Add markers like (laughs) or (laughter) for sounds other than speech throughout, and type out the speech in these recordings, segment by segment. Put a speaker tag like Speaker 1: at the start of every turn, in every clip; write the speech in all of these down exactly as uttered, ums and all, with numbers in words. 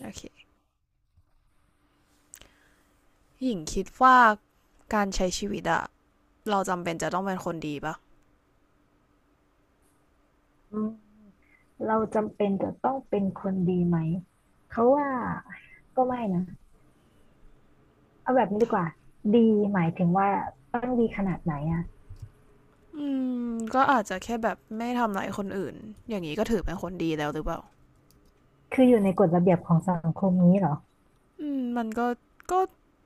Speaker 1: โอเคหญิงคิดว่าการใช้ชีวิตอะเราจำเป็นจะต้องเป็นคนดีปะ
Speaker 2: อืมเราจำเป็นจะต้องเป็นคนดีไหมเขาว่าก็ไม่นะเอาแบบนี้ดีกว่าดีหมายถึงว่าต้องดีขนาดไหนอ่ะ
Speaker 1: อืมก็อาจจะแค่แบบไม่ทำร้ายคนอื่นอย่างนี้ก็ถือเป็นคนดีแล้วหรือเปล่า
Speaker 2: คืออยู่ในกฎระเบียบของสังคมนี้เหรอ
Speaker 1: อืมมันก็ก็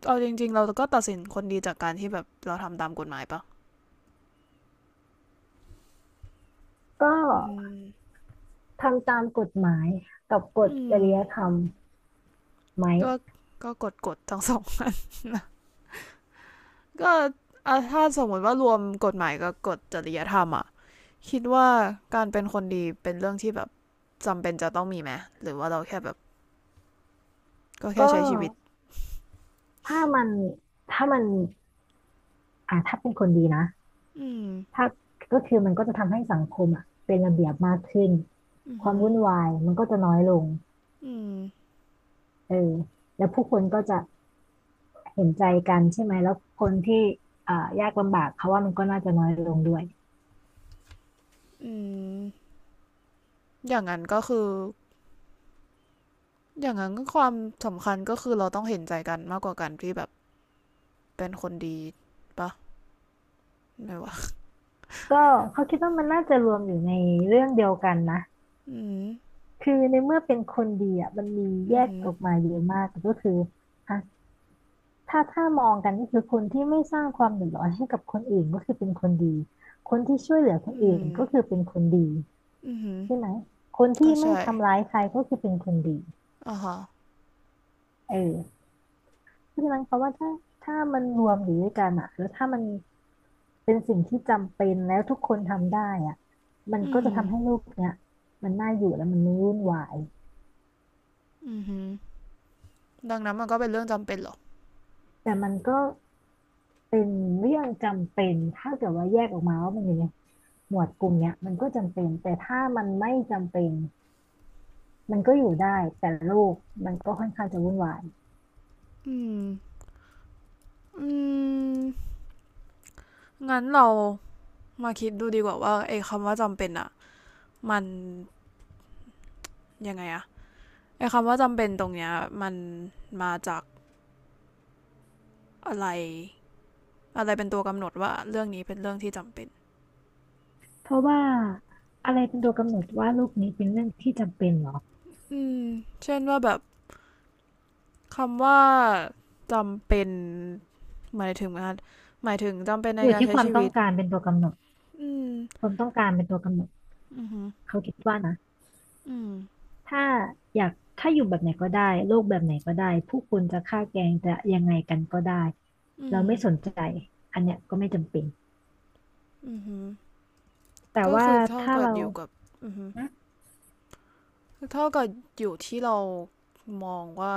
Speaker 1: เอาจริงๆเราก็ตัดสินคนดีจากการที่แบบเราทำตามกฎหมายปะ
Speaker 2: ก็
Speaker 1: อืม
Speaker 2: ทำตามกฎหมายกับกฎ
Speaker 1: อื
Speaker 2: จ
Speaker 1: ม
Speaker 2: ริยธรรมไหม
Speaker 1: ก็ก็กฎกฎทั้งสองก็อ่ถ้าสมมติว่ารวมกฎหมายกับกฎจริยธรรมอะคิดว่าการเป็นคนดีเป็นเรื่องที่แบบจำเป็นจะต้องมีไหมหรือว่าเราแค่แบบก็แค่
Speaker 2: ก็
Speaker 1: ใช้ชีวิต
Speaker 2: ถ้ามันถ้ามันอ่าถ้าเป็นคนดีนะ
Speaker 1: อืม
Speaker 2: ถ้าก็คือมันก็จะทำให้สังคมอ่ะเป็นระเบียบมากขึ้น
Speaker 1: อือ
Speaker 2: ควา
Speaker 1: หื
Speaker 2: ม
Speaker 1: อ
Speaker 2: วุ่นวายมันก็จะน้อยลง
Speaker 1: อืม
Speaker 2: เออแล้วผู้คนก็จะ เห็นใจกันใช่ไหมแล้วคนที่อ่ายากลำบากเขาว่ามันก็น่าจะน้อยลงด้วย
Speaker 1: อืมอย่างนั้นก็คือ อย่างนั้นก็ความสำคัญก็คือเราต้องเห็นใจกันมากกว่ากันที่แบบเป็นคนดีปะไม่วะ
Speaker 2: ก็เขาคิดว่ามันน่าจะรวมอยู่ในเรื่องเดียวกันนะ
Speaker 1: อืม
Speaker 2: คือในเมื่อเป็นคนดีอ่ะมันมีแย
Speaker 1: อือ
Speaker 2: ก
Speaker 1: หือ
Speaker 2: ออกมาเยอะมากก็คืออ่ะถ้าถ้ามองกันก็คือคนที่ไม่สร้างความเดือดร้อนให้กับคนอื่นก็คือเป็นคนดี คนที่ช่วยเหลือคน
Speaker 1: อื
Speaker 2: อื่น
Speaker 1: ม
Speaker 2: ก็คือเป็นคนดี
Speaker 1: อือหือ
Speaker 2: ใช่ไหมคนที่
Speaker 1: ก็
Speaker 2: ไม่
Speaker 1: ใช่
Speaker 2: ทำร้ายใครก็คือเป็นคนดี
Speaker 1: อ่าฮะ
Speaker 2: เออ พังนั้นเขามว่าถ้าถ้ามันรวมอยู่ด้วยกันอะแล้วถ้ามันเป็นสิ่งที่จำเป็นแล้วทุกคนทำได้อะมัน
Speaker 1: อื
Speaker 2: ก็
Speaker 1: ม
Speaker 2: จะทำให้โลกเนี้ยมันน่าอยู่และมันไม่วุ่นวาย
Speaker 1: อือหือดังนั้นมันก็เป็นเรื่องจำเป็นเหรอ
Speaker 2: แต่มันก็เป็นเรื่องจำเป็นถ้าเกิดว่าแยกออกมาว่ามันอยู่ในหมวดกลุ่มเนี้ยมันก็จำเป็นแต่ถ้ามันไม่จำเป็นมันก็อยู่ได้แต่โลกมันก็ค่อนข้างจะวุ่นวาย
Speaker 1: อืมอืมงั้นเรามาคิดดูดีกว่าว่าไอ้คำว่าจำเป็นอะมันยังไงอะไอ้คำว่าจำเป็นตรงเนี้ยมันมาจาก อะไรอะไรเป็นตัวกำหนดว่าเรื่องนี้เป็นเรื่องที่จำเป็น
Speaker 2: เพราะว่าอะไรเป็นตัวกำหนดว่าโลกนี้เป็นเรื่องที่จำเป็นเหรอ
Speaker 1: อืมเช่นว่าแบบคำว่าจำเป็นหมายถึงนะหมายถึงจำเป็นใน
Speaker 2: อยู่
Speaker 1: การ
Speaker 2: ที่
Speaker 1: ใช้
Speaker 2: ความ
Speaker 1: ชี
Speaker 2: ต้อ
Speaker 1: วิ
Speaker 2: ง
Speaker 1: ต
Speaker 2: การเป็นตัวกำหนด
Speaker 1: อืม
Speaker 2: ความต้องการเป็นตัวกำหนด
Speaker 1: อือหือ
Speaker 2: เขาคิดว่านะ
Speaker 1: ืม
Speaker 2: ถ้าอยากถ้าอยู่แบบไหนก็ได้โลกแบบไหนก็ได้ผู้คนจะฆ่าแกล้งจะยังไงกันก็ได้
Speaker 1: อื
Speaker 2: เรา
Speaker 1: ม
Speaker 2: ไม่สนใจอันเนี้ยก็ไม่จำเป็น
Speaker 1: อือหื
Speaker 2: แต่
Speaker 1: ก็
Speaker 2: ว่า
Speaker 1: คือเท่า
Speaker 2: ถ้า
Speaker 1: กับ
Speaker 2: เรา
Speaker 1: อยู่กับอือฮึ
Speaker 2: นะ
Speaker 1: เท่ากับอยู่ที่เรามองว่า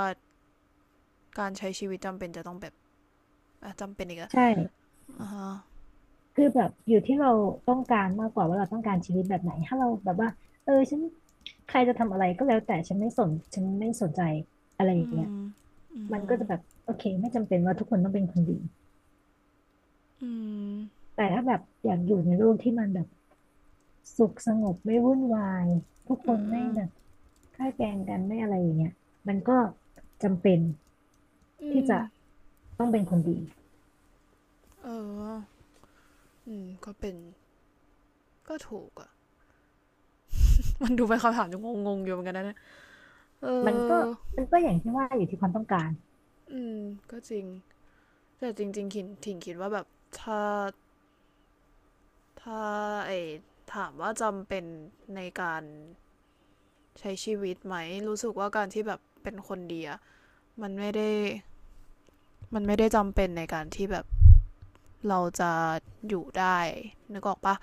Speaker 1: การใช้ชีวิตจำเป็นจะต้องแบบอ่ะจำเป็นอีกอะ
Speaker 2: ใช่
Speaker 1: อ่าฮะ
Speaker 2: คือแบบอยู่ที่เราต้องการมากกว่าว่าเราต้องการชีวิตแบบไหนถ้าเราแบบว่าเออฉันใครจะทำอะไรก็แล้วแต่ฉันไม่สนฉันไม่สนใจอะไรอ
Speaker 1: อื
Speaker 2: ย่างเงี้ย
Speaker 1: ม
Speaker 2: มันก็จะแบบโอเคไม่จำเป็นว่าทุกคนต้องเป็นคนดี
Speaker 1: อืม
Speaker 2: แต่ถ้าแบบอยากอยู่ในโลกที่มันแบบ สุขสงบไม่วุ่นวายทุกค
Speaker 1: อื
Speaker 2: นไม่
Speaker 1: ม
Speaker 2: แบบ
Speaker 1: อ
Speaker 2: ฆ่าแกล้งกันไม่อะไรอย่างเงี้ยมันก็จำเป็น
Speaker 1: ื
Speaker 2: ที่
Speaker 1: ม
Speaker 2: จะต้องเป็นคนดี
Speaker 1: เอออืมก็เป็นก็ถูกอะ มันดูเป็นคำถามที่งงๆอยู่เหมือนกันนะเอ
Speaker 2: มันก็
Speaker 1: อ
Speaker 2: มันก็อย่างที่ว่าอยู่ที่ความต้องการ
Speaker 1: อืมก็จริงแต่จริงๆคิดถิงคิดว่าแบบถ้าถ้าไอถามว่าจำเป็นในการใช้ชีวิตไหมรู้สึกว่าการที่แบบเป็นคนดีอะมันไม่ได้มันไม่ได้จำเป็นในการที่แบบเราจะอยู่ได้นึกออกปะ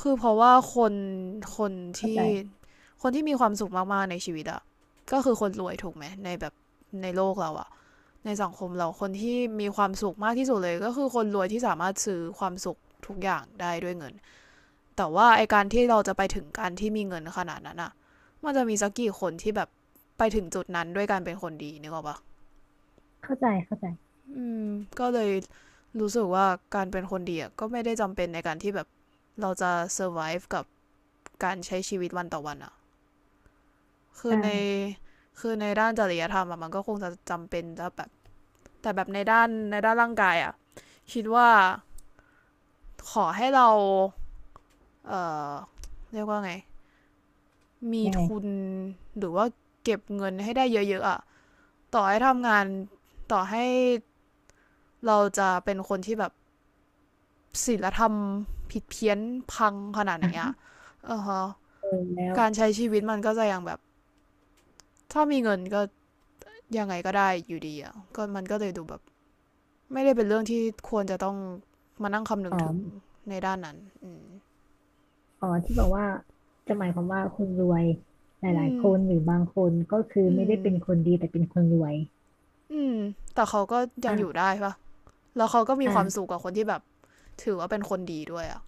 Speaker 1: คือเพราะว่าคนคน
Speaker 2: เข้าใจ
Speaker 1: ที่คนที่มีความสุขมากๆในชีวิตอะก็คือคนรวยถูกไหมในแบบในโลกเราอะ ในสังคมเราคนที่มีความสุขมากที่สุดเลยก็คือคนรวยที่สามารถซื้อความสุขทุกอย่างได้ด้วยเงิน แต่ว่าไอการที่เราจะไปถึงการที่มีเงินขนาดนั้นอะมันจะมีสักกี่คนที่แบบไปถึงจุดนั้นด้วยการเป็นคนดีนึกออกปะ
Speaker 2: เข้าใจเข้าใจ
Speaker 1: อืมก็เลยรู้สึกว่าการเป็นคนดีอะก็ไม่ได้จำเป็นในการที่แบบเราจะ survive กับการใช้ชีวิตวันต่อวันอะคือ
Speaker 2: อ่
Speaker 1: ใน
Speaker 2: า
Speaker 1: คือในด้านจริยธรรมอะมันก็คงจะจำเป็นจะแบบแต่แบบในด้านในด้านร่างกายอะคิดว่า ขอให้เราเอ่อเรียกว่าไง มี
Speaker 2: ยังไง
Speaker 1: ทุน หรือว่าเก็บเงินให้ได้เยอะๆอะต่อให้ทำงานต่อให้เราจะเป็นคนที่แบบศีลธรรมผิดเพี้ยนพังขนาดไหนอะ
Speaker 2: อ่ะ
Speaker 1: เออฮะ
Speaker 2: เออแล้ว
Speaker 1: การใช้ชีวิตมันก็จะยังแบบถ้ามีเงินก็ยังไงก็ได้อยู่ดีอะก็มันก็เลยดูแบบไม่ได้เป็นเรื่องที่ควรจะต้องมานั่งคำนึ
Speaker 2: อ๋
Speaker 1: ง
Speaker 2: อ
Speaker 1: ถึงในด้านนั้นอืม
Speaker 2: อ๋อที่บอกว่าจะหมายความว่าคนรวยหล
Speaker 1: อื
Speaker 2: าย
Speaker 1: ม
Speaker 2: ๆคนหรือบางคนก็คือ
Speaker 1: อื
Speaker 2: ไม่ได้
Speaker 1: ม
Speaker 2: เป็นคนดีแต่เป็นคนรวย
Speaker 1: อืมแต่เขาก็ยังอยู่
Speaker 2: อ่ะ
Speaker 1: ได้ปะ แล้วเขาก็มีความสุ
Speaker 2: อ่ะ
Speaker 1: ขกับคนที่แบบถือว่าเป็นคนดีด้วยอะ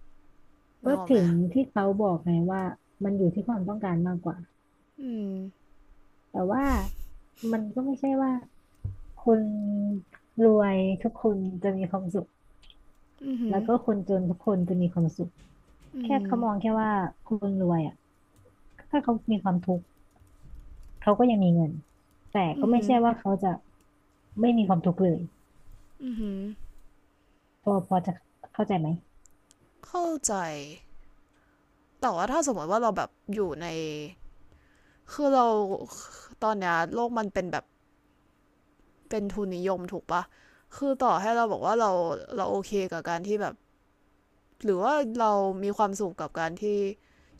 Speaker 1: นึ
Speaker 2: ก็
Speaker 1: กออกไหม
Speaker 2: ถึงที่เขาบอกไงว่ามันอยู่ที่ความต้องการมากกว่า
Speaker 1: อืม
Speaker 2: แต่ว่ามันก็ไม่ใช่ว่าคนรวยทุกคนจะมีความสุข
Speaker 1: อื
Speaker 2: แล้
Speaker 1: ออ
Speaker 2: วก็คนจนทุกคนจะมีความสุข
Speaker 1: ื
Speaker 2: แค่
Speaker 1: ม
Speaker 2: เขามองแค่ว่าคนรวยอ่ะถ้าเขามีความทุกข์เขาก็ยังมีเงินแต่
Speaker 1: อื
Speaker 2: ก็ไม่
Speaker 1: อ
Speaker 2: ใช่ว่าเขาจะไม่มีความทุกข์เลยพอพอจะเข้าใจไหม
Speaker 1: เข้าใจแต่ว่าถ้าสมมติว่าเราแบบอยู่ในคือเราตอนเนี้ยโลกมันเป็นแบบเป็นทุนนิยมถูกปะคือต่อให้เราบอกว่าเราเราโอเคกับการที่แบบหรือว่าเรามีความสุขกับการที่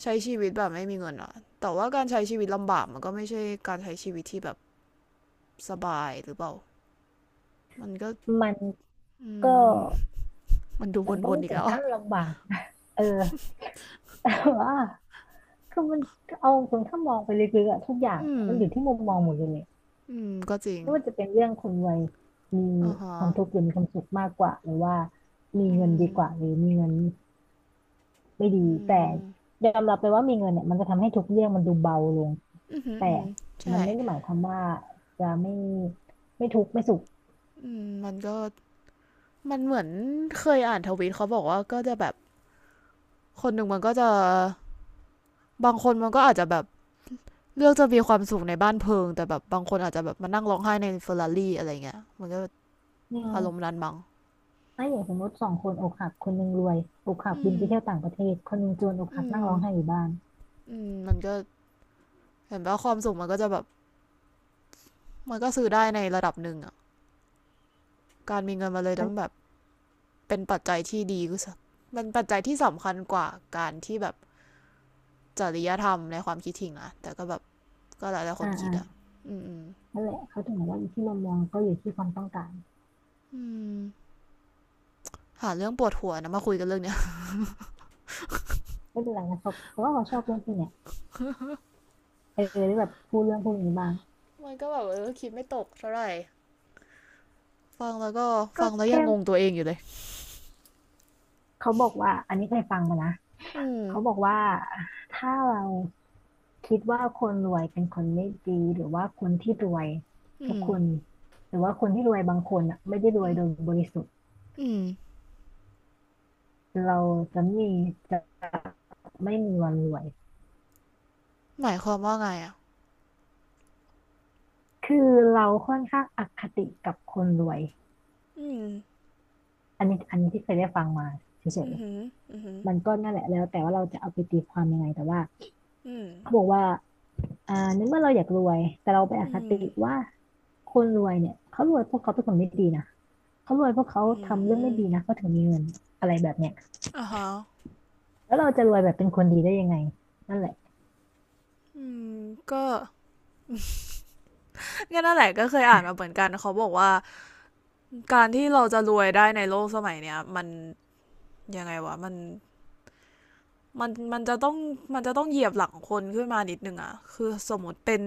Speaker 1: ใช้ชีวิตแบบไม่มีเงินอะแต่ว่าการใช้ชีวิตลำบากมันก็ไม่ใช่การใช้ชีวิตที่แบบสบายหรือเปล่ามันก็
Speaker 2: มัน
Speaker 1: อื
Speaker 2: ก็
Speaker 1: ม มันดู
Speaker 2: มันก็
Speaker 1: วนๆ
Speaker 2: ไม่
Speaker 1: อีก
Speaker 2: ถึ
Speaker 1: แล้
Speaker 2: ง
Speaker 1: วอ
Speaker 2: ขั้นลำบากนะเออ (laughs) แต่ว่าคือมันเอาตรงถ้ามองไปลึกๆอะทุกอย่าง
Speaker 1: อืม
Speaker 2: มันอยู่ที่มุมมองหมดเลย
Speaker 1: อืมก็จริง
Speaker 2: ไม่ว่าจะเป็นเรื่องคนรวยมี
Speaker 1: อ่าฮะ
Speaker 2: ความทุกข์หรือมีความสุขมากกว่าหรือว่ามี
Speaker 1: อื
Speaker 2: เงินดีกว่า
Speaker 1: ม
Speaker 2: หรือมีเงินไม่ดี
Speaker 1: อื
Speaker 2: แต่
Speaker 1: ม
Speaker 2: ยอมรับไปว่ามีเงินเนี่ยมันจะทำให้ทุกเรื่องมันดูเบาลง
Speaker 1: อือหือ
Speaker 2: แต่
Speaker 1: อือหือ
Speaker 2: มั
Speaker 1: ใช่
Speaker 2: นไม่ได้หมายความว่าจะไม่ไม่ทุกข์ไม่สุข
Speaker 1: อืมมันก็มันเหมือนเคยอ่านทวีตเขาบอกว่าก็จะแบบ คนหนึ่งมันก็จะ บางคนมันก็อาจจะแบบเลือกจะมีความสุขในบ้านเพลิงแต่แบบบางคนอาจจะแบบมานั่งร้องไห้ในเฟอร์รารี่อะไรเงี้ยมันก็
Speaker 2: อื
Speaker 1: อารมณ์
Speaker 2: ม
Speaker 1: นั้นมั้ง
Speaker 2: ถ้าอย่างสมมติสองคนอกหักคนหนึ่งรวยอกหัก
Speaker 1: อื
Speaker 2: บิน
Speaker 1: ม
Speaker 2: ไปเที่ยวต่างประเทศคนหนึ่งจนอกหั
Speaker 1: อื
Speaker 2: กนั่ง
Speaker 1: ม
Speaker 2: ร้องไห้อยู่บ้าน
Speaker 1: อืมมันก็เห็นว่าความสุขมันก็จะแบบมันก็ซื้อได้ในระดับหนึ่งอะการมีเงินมาเลยแต่
Speaker 2: มัน
Speaker 1: มันแบบ เป็นปัจจัยที่ดีก็สมันปัจจัยที่สำคัญกว่าการที่แบบจริยธรรมในความคิดถิงนะแต่ก็แบบก็หลายๆค
Speaker 2: อ่า
Speaker 1: นคิ
Speaker 2: อ่า
Speaker 1: ดอะอืมอืม
Speaker 2: นั่นแหละเขาถึงบอกว่าอยู่ที่มุมมองก็อยู่ที่ความต้องการ
Speaker 1: อืหาเรื่องปวดหัวนะมาคุยกันเรื่องเนี้ย
Speaker 2: ไม่เป็นไรนะเขาเขาว่าเขาชอบเรื่องพวกเนี้ยเออได้แบบพูดเรื่องพวกนี้บ้าง
Speaker 1: มันก็แบบเออคิดไม่ตกเท่าไหร่ฟังแล้วก็
Speaker 2: ก็
Speaker 1: ฟังแล้วยัง
Speaker 2: แค่
Speaker 1: งงตัวเองอยู่เลย
Speaker 2: เขาบอกว่าอันนี้เคยฟังมานะ
Speaker 1: อืม
Speaker 2: เขาบอกว่าถ้าเราคิดว่าคนรวยเป็นคนไม่ดีหรือว่าคนที่รวย
Speaker 1: อื
Speaker 2: ทุก
Speaker 1: ม
Speaker 2: คนหรือว่าคนที่รวยบางคนอ่ะไม่ได้รวยโดยบริสุทธิ์
Speaker 1: อืม
Speaker 2: เราจะมีจะไม่มีวันรวย
Speaker 1: หมายความว่าไงอ่ะ
Speaker 2: คือเราค่อนข้างอคติกับคนรวย
Speaker 1: อืม
Speaker 2: อันนี้อันนี้ที่เคยได้ฟังมาเฉ
Speaker 1: อื
Speaker 2: ย
Speaker 1: มหืมอืืม
Speaker 2: ๆมันก็นั่นแหละแล้วแต่ว่าเราจะเอาไปตีความยังไงแต่ว่า
Speaker 1: อืม
Speaker 2: เขาบอกว่า อ่าในเมื่อเราอยากรวยแต่เราไปอ
Speaker 1: อื
Speaker 2: คติ
Speaker 1: ม
Speaker 2: ว่าคนรวยเนี่ยเขารวยเพวกเขาเป็นคนไม่ดีนะเขารวยเพวกเขา
Speaker 1: อื
Speaker 2: ทำเรื่องไม่ดีนะ
Speaker 1: ม
Speaker 2: เขาถึงมีเงินอะไรแบบเนี้ย
Speaker 1: อ่าฮะ
Speaker 2: แล้วเราจะรวยแบบเป็นคนดีได้ยังไงนั่นแหละ
Speaker 1: อืมก็งั้นนั่นแหละก็เคยอ่านมาเหมือนกันเขาบอกว่า การที่เราจะรวยได้ในโลกสมัยเนี้ยมันยังไงวะมันมันมันจะต้องมันจะต้องเหยียบหลังคนขึ้นมานิดนึงอะคือสมมติเป็น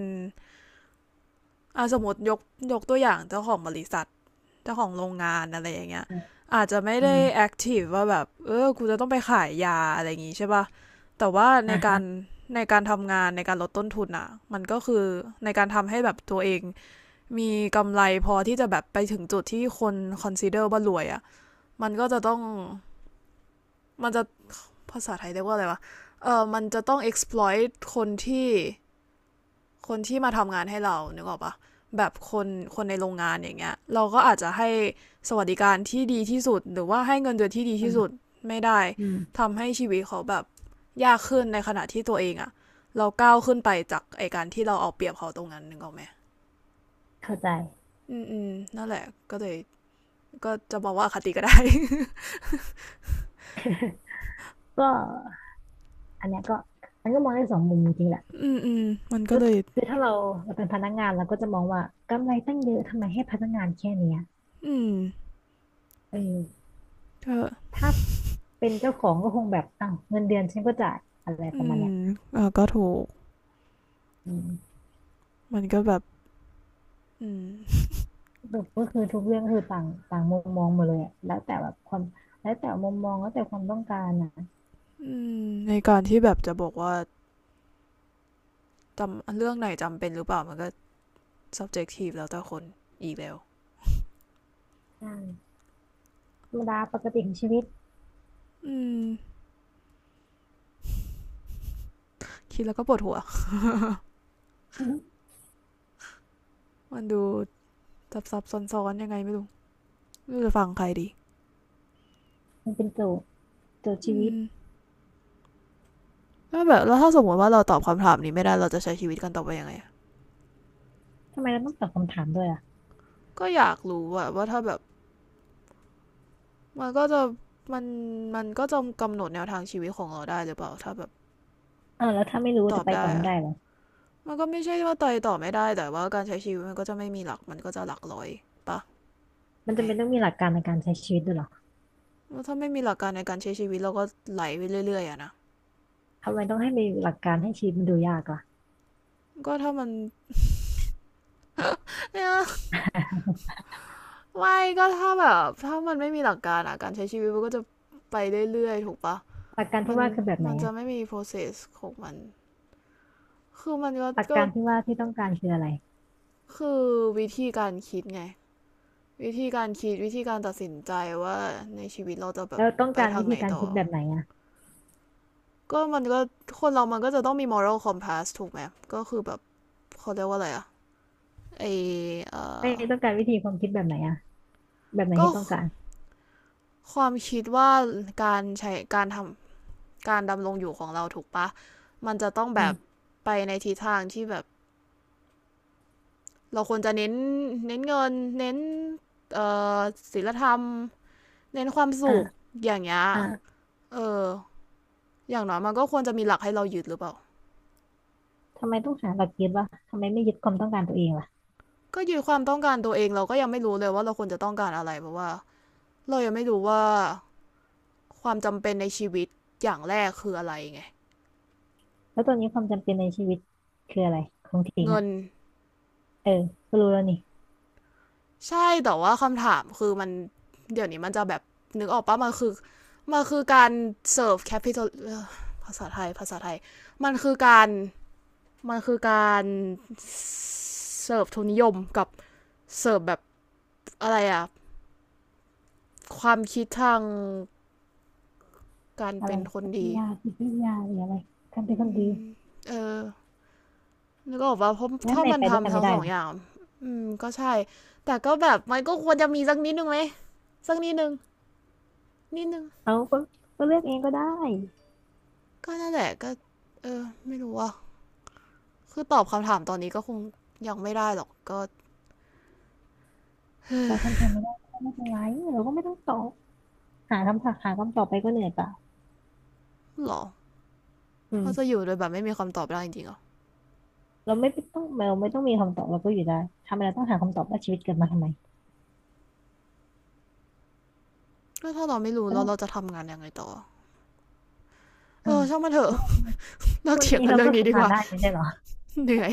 Speaker 1: อ่ะสมมติยกยกตัวอย่างเจ้าของบริษัทเจ้าของโรงงานอะไรอย่างเงี้ย
Speaker 2: อืม
Speaker 1: อาจจะไม่
Speaker 2: อ
Speaker 1: ได้แอ
Speaker 2: ม
Speaker 1: คทีฟว่าแบบเออกูจะต้องไปขายยาอะไรอย่างงี้ใช่ป่ะแต่ว่าใน
Speaker 2: อ่า
Speaker 1: กา
Speaker 2: ฮะ
Speaker 1: รในการทำงานในการลดต้นทุนอะมันก็คือในการทำให้แบบตัวเองมีกำไรพอที่จะแบบไปถึงจุดที่คนคอนซ เอ็น เดอร์ว่ารวยอะมันก็จะต้อง มันจะภาษาไทยเรียกว่าอะไรวะเออมันจะต้อง exploit คนที่ คนที่มาทำงานให้เรานึกออกปะแบบคนคนในโรงงานอย่างเงี้ย เราก็อาจจะให้สวัสดิการที่ดีที่สุด หรือว่าให้เงินเดือนที่ดี
Speaker 2: อื
Speaker 1: ที่
Speaker 2: ม
Speaker 1: สุด ไม่ได้
Speaker 2: อืม
Speaker 1: ทำให้ชีวิตเขาแบบยากขึ้นในขณะที่ตัวเองอะ เราก้าวขึ้นไปจากไอการที่เราเอาเปรียบเขาตรงนั้นนึกออกไหม
Speaker 2: เข้าใจ
Speaker 1: อืมอืมนั่นแหละก็เลยก็จะบอกว่าอคติก็ได้
Speaker 2: ก็อันเนี้ยก็มันก็มองได้สองมุมจริงๆแหละ
Speaker 1: (laughs) อืมอืมมันก็
Speaker 2: ก็
Speaker 1: เลย
Speaker 2: คือถ้าเราเราเป็นพนักงานเราก็จะมองว่ากำไรตั้งเยอะทำไมให้พนักงานแค่เนี้ย
Speaker 1: อืม
Speaker 2: เออ
Speaker 1: กอ
Speaker 2: ถ้าเป็นเจ้าของก็คงแบบอ้าวเงินเดือนฉันก็จ่ายอะไรป
Speaker 1: อื
Speaker 2: ระมาณเนี้
Speaker 1: ม
Speaker 2: ย
Speaker 1: เออก็ถูก
Speaker 2: อืม
Speaker 1: มันก็แบบอืม
Speaker 2: แบบก็คือทุกเรื่องคือต่างต่างมุมมองหมดเลยอะแล้วแต่แบบความแล้วแต่มุมมองแล้วแต่ความต้องการอ่ะ
Speaker 1: อืมในการที่แบบจะบอกว่าจำเรื่องไหนจำเป็นหรือเปล่ามันก็ subjective แล้วแต่คนอีกแล้ว
Speaker 2: ใช่ธรรมดาปกติของชีวิต
Speaker 1: อืม คิดแล้วก็ปวดหัว
Speaker 2: อือหื
Speaker 1: มันดูซับซับซ้อนซนๆยังไงไม่รู้ไม่รู้จะฟังใครดี
Speaker 2: มันเป็นโจทย์โจทย์ชี
Speaker 1: อื
Speaker 2: วิต
Speaker 1: ม แล้วแบบแล้วถ้าสมมติว่าเราตอบคำถามนี้ไม่ได้เราจะใช้ชีวิตกันต่อไปยังไง
Speaker 2: ทำไมเราต้องตอบคำถามด้วยอ่ะ
Speaker 1: ก็อยากรู้ว่าว่าถ้าแบบมันก็จะมันมันก็จะกำหนดแนวทางชีวิตของเราได้หรือเปล่าถ้าแบบ
Speaker 2: เออแล้วถ้าไม่รู้
Speaker 1: ตอ
Speaker 2: จะ
Speaker 1: บ
Speaker 2: ไป
Speaker 1: ได้
Speaker 2: ต่อไม่
Speaker 1: อะ
Speaker 2: ได้เหรอ
Speaker 1: มันก็ไม่ใช่ว่าตอยตอบไม่ได้แต่ว่าการใช้ชีวิตมันก็จะไม่มีหลักมันก็จะหลักร้อยไป
Speaker 2: มัน
Speaker 1: แหม
Speaker 2: จำเป็นต้องมีหลักการในการใช้ชีวิตด้วยเหรอ
Speaker 1: แถ้าไม่มีหลักการในการใช้ชีวิตเราก็ไหลไปเรื่อยๆอะนะ
Speaker 2: ทำไมต้องให้มีหลักการให้ชีวิตมันดูยากล่ะ
Speaker 1: ก็ถ้ามันเนี่ยไม่ก็ถ้าแบบถ้ามันไม่มีหลักการอะการใช้ชีวิตมันก็จะไปเรื่อยๆถูกปะ
Speaker 2: หลักการ
Speaker 1: มั
Speaker 2: ที่
Speaker 1: น
Speaker 2: ว่าคือแบบไหน
Speaker 1: มันจะ
Speaker 2: อ่ะ
Speaker 1: ไม่มี process ของมันคือมันก็
Speaker 2: หลัก
Speaker 1: ก็
Speaker 2: การที่ว่าที่ต้องการคืออะไร
Speaker 1: คือวิธีการคิดไงวิธีการคิดวิธีการตัดสินใจว่าในชีวิตเราจะแบ
Speaker 2: แล้
Speaker 1: บ
Speaker 2: วต้อง
Speaker 1: ไป
Speaker 2: การ
Speaker 1: ทา
Speaker 2: วิ
Speaker 1: งไหน
Speaker 2: ธีการ
Speaker 1: ต่อ
Speaker 2: คิดแบบไหนอ่ะ
Speaker 1: ก็มันก็คนเรามันก็จะต้องมี moral compass ถูกไหมก็คือแบบเขาเรียกว่าอะไรอะไอเอ
Speaker 2: ไม่
Speaker 1: อ
Speaker 2: ต้องการวิธีความคิดแบบไหนอ่ะแบบไหน
Speaker 1: ก็
Speaker 2: ที่ต้องการ
Speaker 1: ความคิดว่าการใช้การทำการดำรงอยู่ของเราถูกปะ มันจะต้อง
Speaker 2: อื
Speaker 1: แบบ
Speaker 2: ม
Speaker 1: ไปในทิศทางที่แบบเราควรจะเน้นเน้นเงินเน้นเอ่อศีลธรรมเน้นความสุข
Speaker 2: อ่า
Speaker 1: อย่างเงี้ย
Speaker 2: อ่า
Speaker 1: เออ อย่างน้อยมันก็ควรจะมีหลักให้เรายึดหรือเปล่า
Speaker 2: ทำไมต้องหาหลักยึดวะทำไมไม่ยึดความต้องการตัวเองล่ะ
Speaker 1: ก็ยึดความต้องการตัวเองเราก็ยังไม่รู้เลยว่าเราควรจะต้องการอะไรเพราะว่าเรายังไม่รู้ว่าความจำเป็นในชีวิตอย่างแรกคืออะไรไง
Speaker 2: แล้วตอนนี้ความจำเป็นในชีวิตคืออะไรของถิง
Speaker 1: เงิน
Speaker 2: อ่ะเออก็รู้แล้วนี่
Speaker 1: ใช่แต่ว่าคำถามคือมันเดี๋ยวนี้มันจะแบบนึกออกปะมันคือมันคือการเสิร์ฟแคปิตอลภาษาไทยภาษาไทยมันคือการมันคือการเสิร์ฟทุนนิยมกับเสิร์ฟแบบอะไรอะความคิดทางการ
Speaker 2: อะไร
Speaker 1: เป็นคน
Speaker 2: ปรัช
Speaker 1: ดี
Speaker 2: ญาจิตวิทยาหรืออะไรการเป็นคนดี
Speaker 1: เออนึกออกว่ะเพราะ
Speaker 2: แล้ว
Speaker 1: ถ้า
Speaker 2: ทำไม
Speaker 1: มัน
Speaker 2: ไปด้วยกั
Speaker 1: ทำ
Speaker 2: น
Speaker 1: ทั้
Speaker 2: ไม่
Speaker 1: ง
Speaker 2: ได้
Speaker 1: สอ
Speaker 2: ห
Speaker 1: ง
Speaker 2: รอ
Speaker 1: อย่างอืมก็ใช่แต่ก็แบบมันก็ควรจะมีสักนิดนึงไหมสักนิดนึงนิดนึง
Speaker 2: เอาก็ก็เลือกเองก็ได้
Speaker 1: ก็นั่นแหละก็เออไม่รู้ว่า คือตอบคำถามตอนนี้ก็คงยังไม่ได้หรอกก็
Speaker 2: เราคำถามไม่ได้ก็ไม่เป็นไรเราก็ไม่ต้องตอบหาคำถามหาคำตอบไปก็เหนื่อยเปล่า
Speaker 1: หรอ
Speaker 2: อื
Speaker 1: เราจะ
Speaker 2: ม
Speaker 1: อยู่โดยแบบไม่มีคำตอบได้จริงๆเหรอะ
Speaker 2: เราไม่ต้องเราไม่ต้องมีคำตอบเราก็อยู่ได้ทำไมเราต้องหาคำตอบว่าชีวิตเกิดมาทำไม
Speaker 1: ก็ถ้าเราไม่รู้
Speaker 2: ก็
Speaker 1: แล้ว
Speaker 2: ได้
Speaker 1: เราจะทำงานยังไงต่อเอ
Speaker 2: อืม
Speaker 1: อช่างมันเถอะ (laughs) เลิก
Speaker 2: วัน
Speaker 1: เถียง
Speaker 2: นี้
Speaker 1: กัน
Speaker 2: เรา
Speaker 1: เรื่อง
Speaker 2: ก็
Speaker 1: นี้ดี
Speaker 2: ทำ
Speaker 1: ก
Speaker 2: งาน
Speaker 1: ว่า
Speaker 2: ได้ไม่ใช่เหรอ
Speaker 1: (laughs) เหนื่อย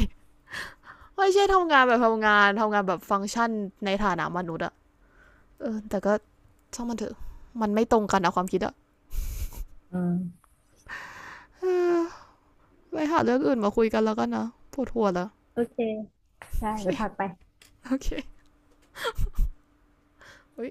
Speaker 1: ไม่ใช่ทำงานแบบทำงานทำงานแบบฟังก์ชันในฐานะมนุษย์อะเออแต่ก็ช่างมันเถอะมันไม่ตรงกันนะความคิดอะ
Speaker 2: อืม
Speaker 1: เอไปหาเรื่องอื่นมาคุยกันแล้วกันนะปวดหัวแล้ว (laughs)
Speaker 2: โอเคได้
Speaker 1: โอเค
Speaker 2: ไปพักไป
Speaker 1: โอเคเฮ้ย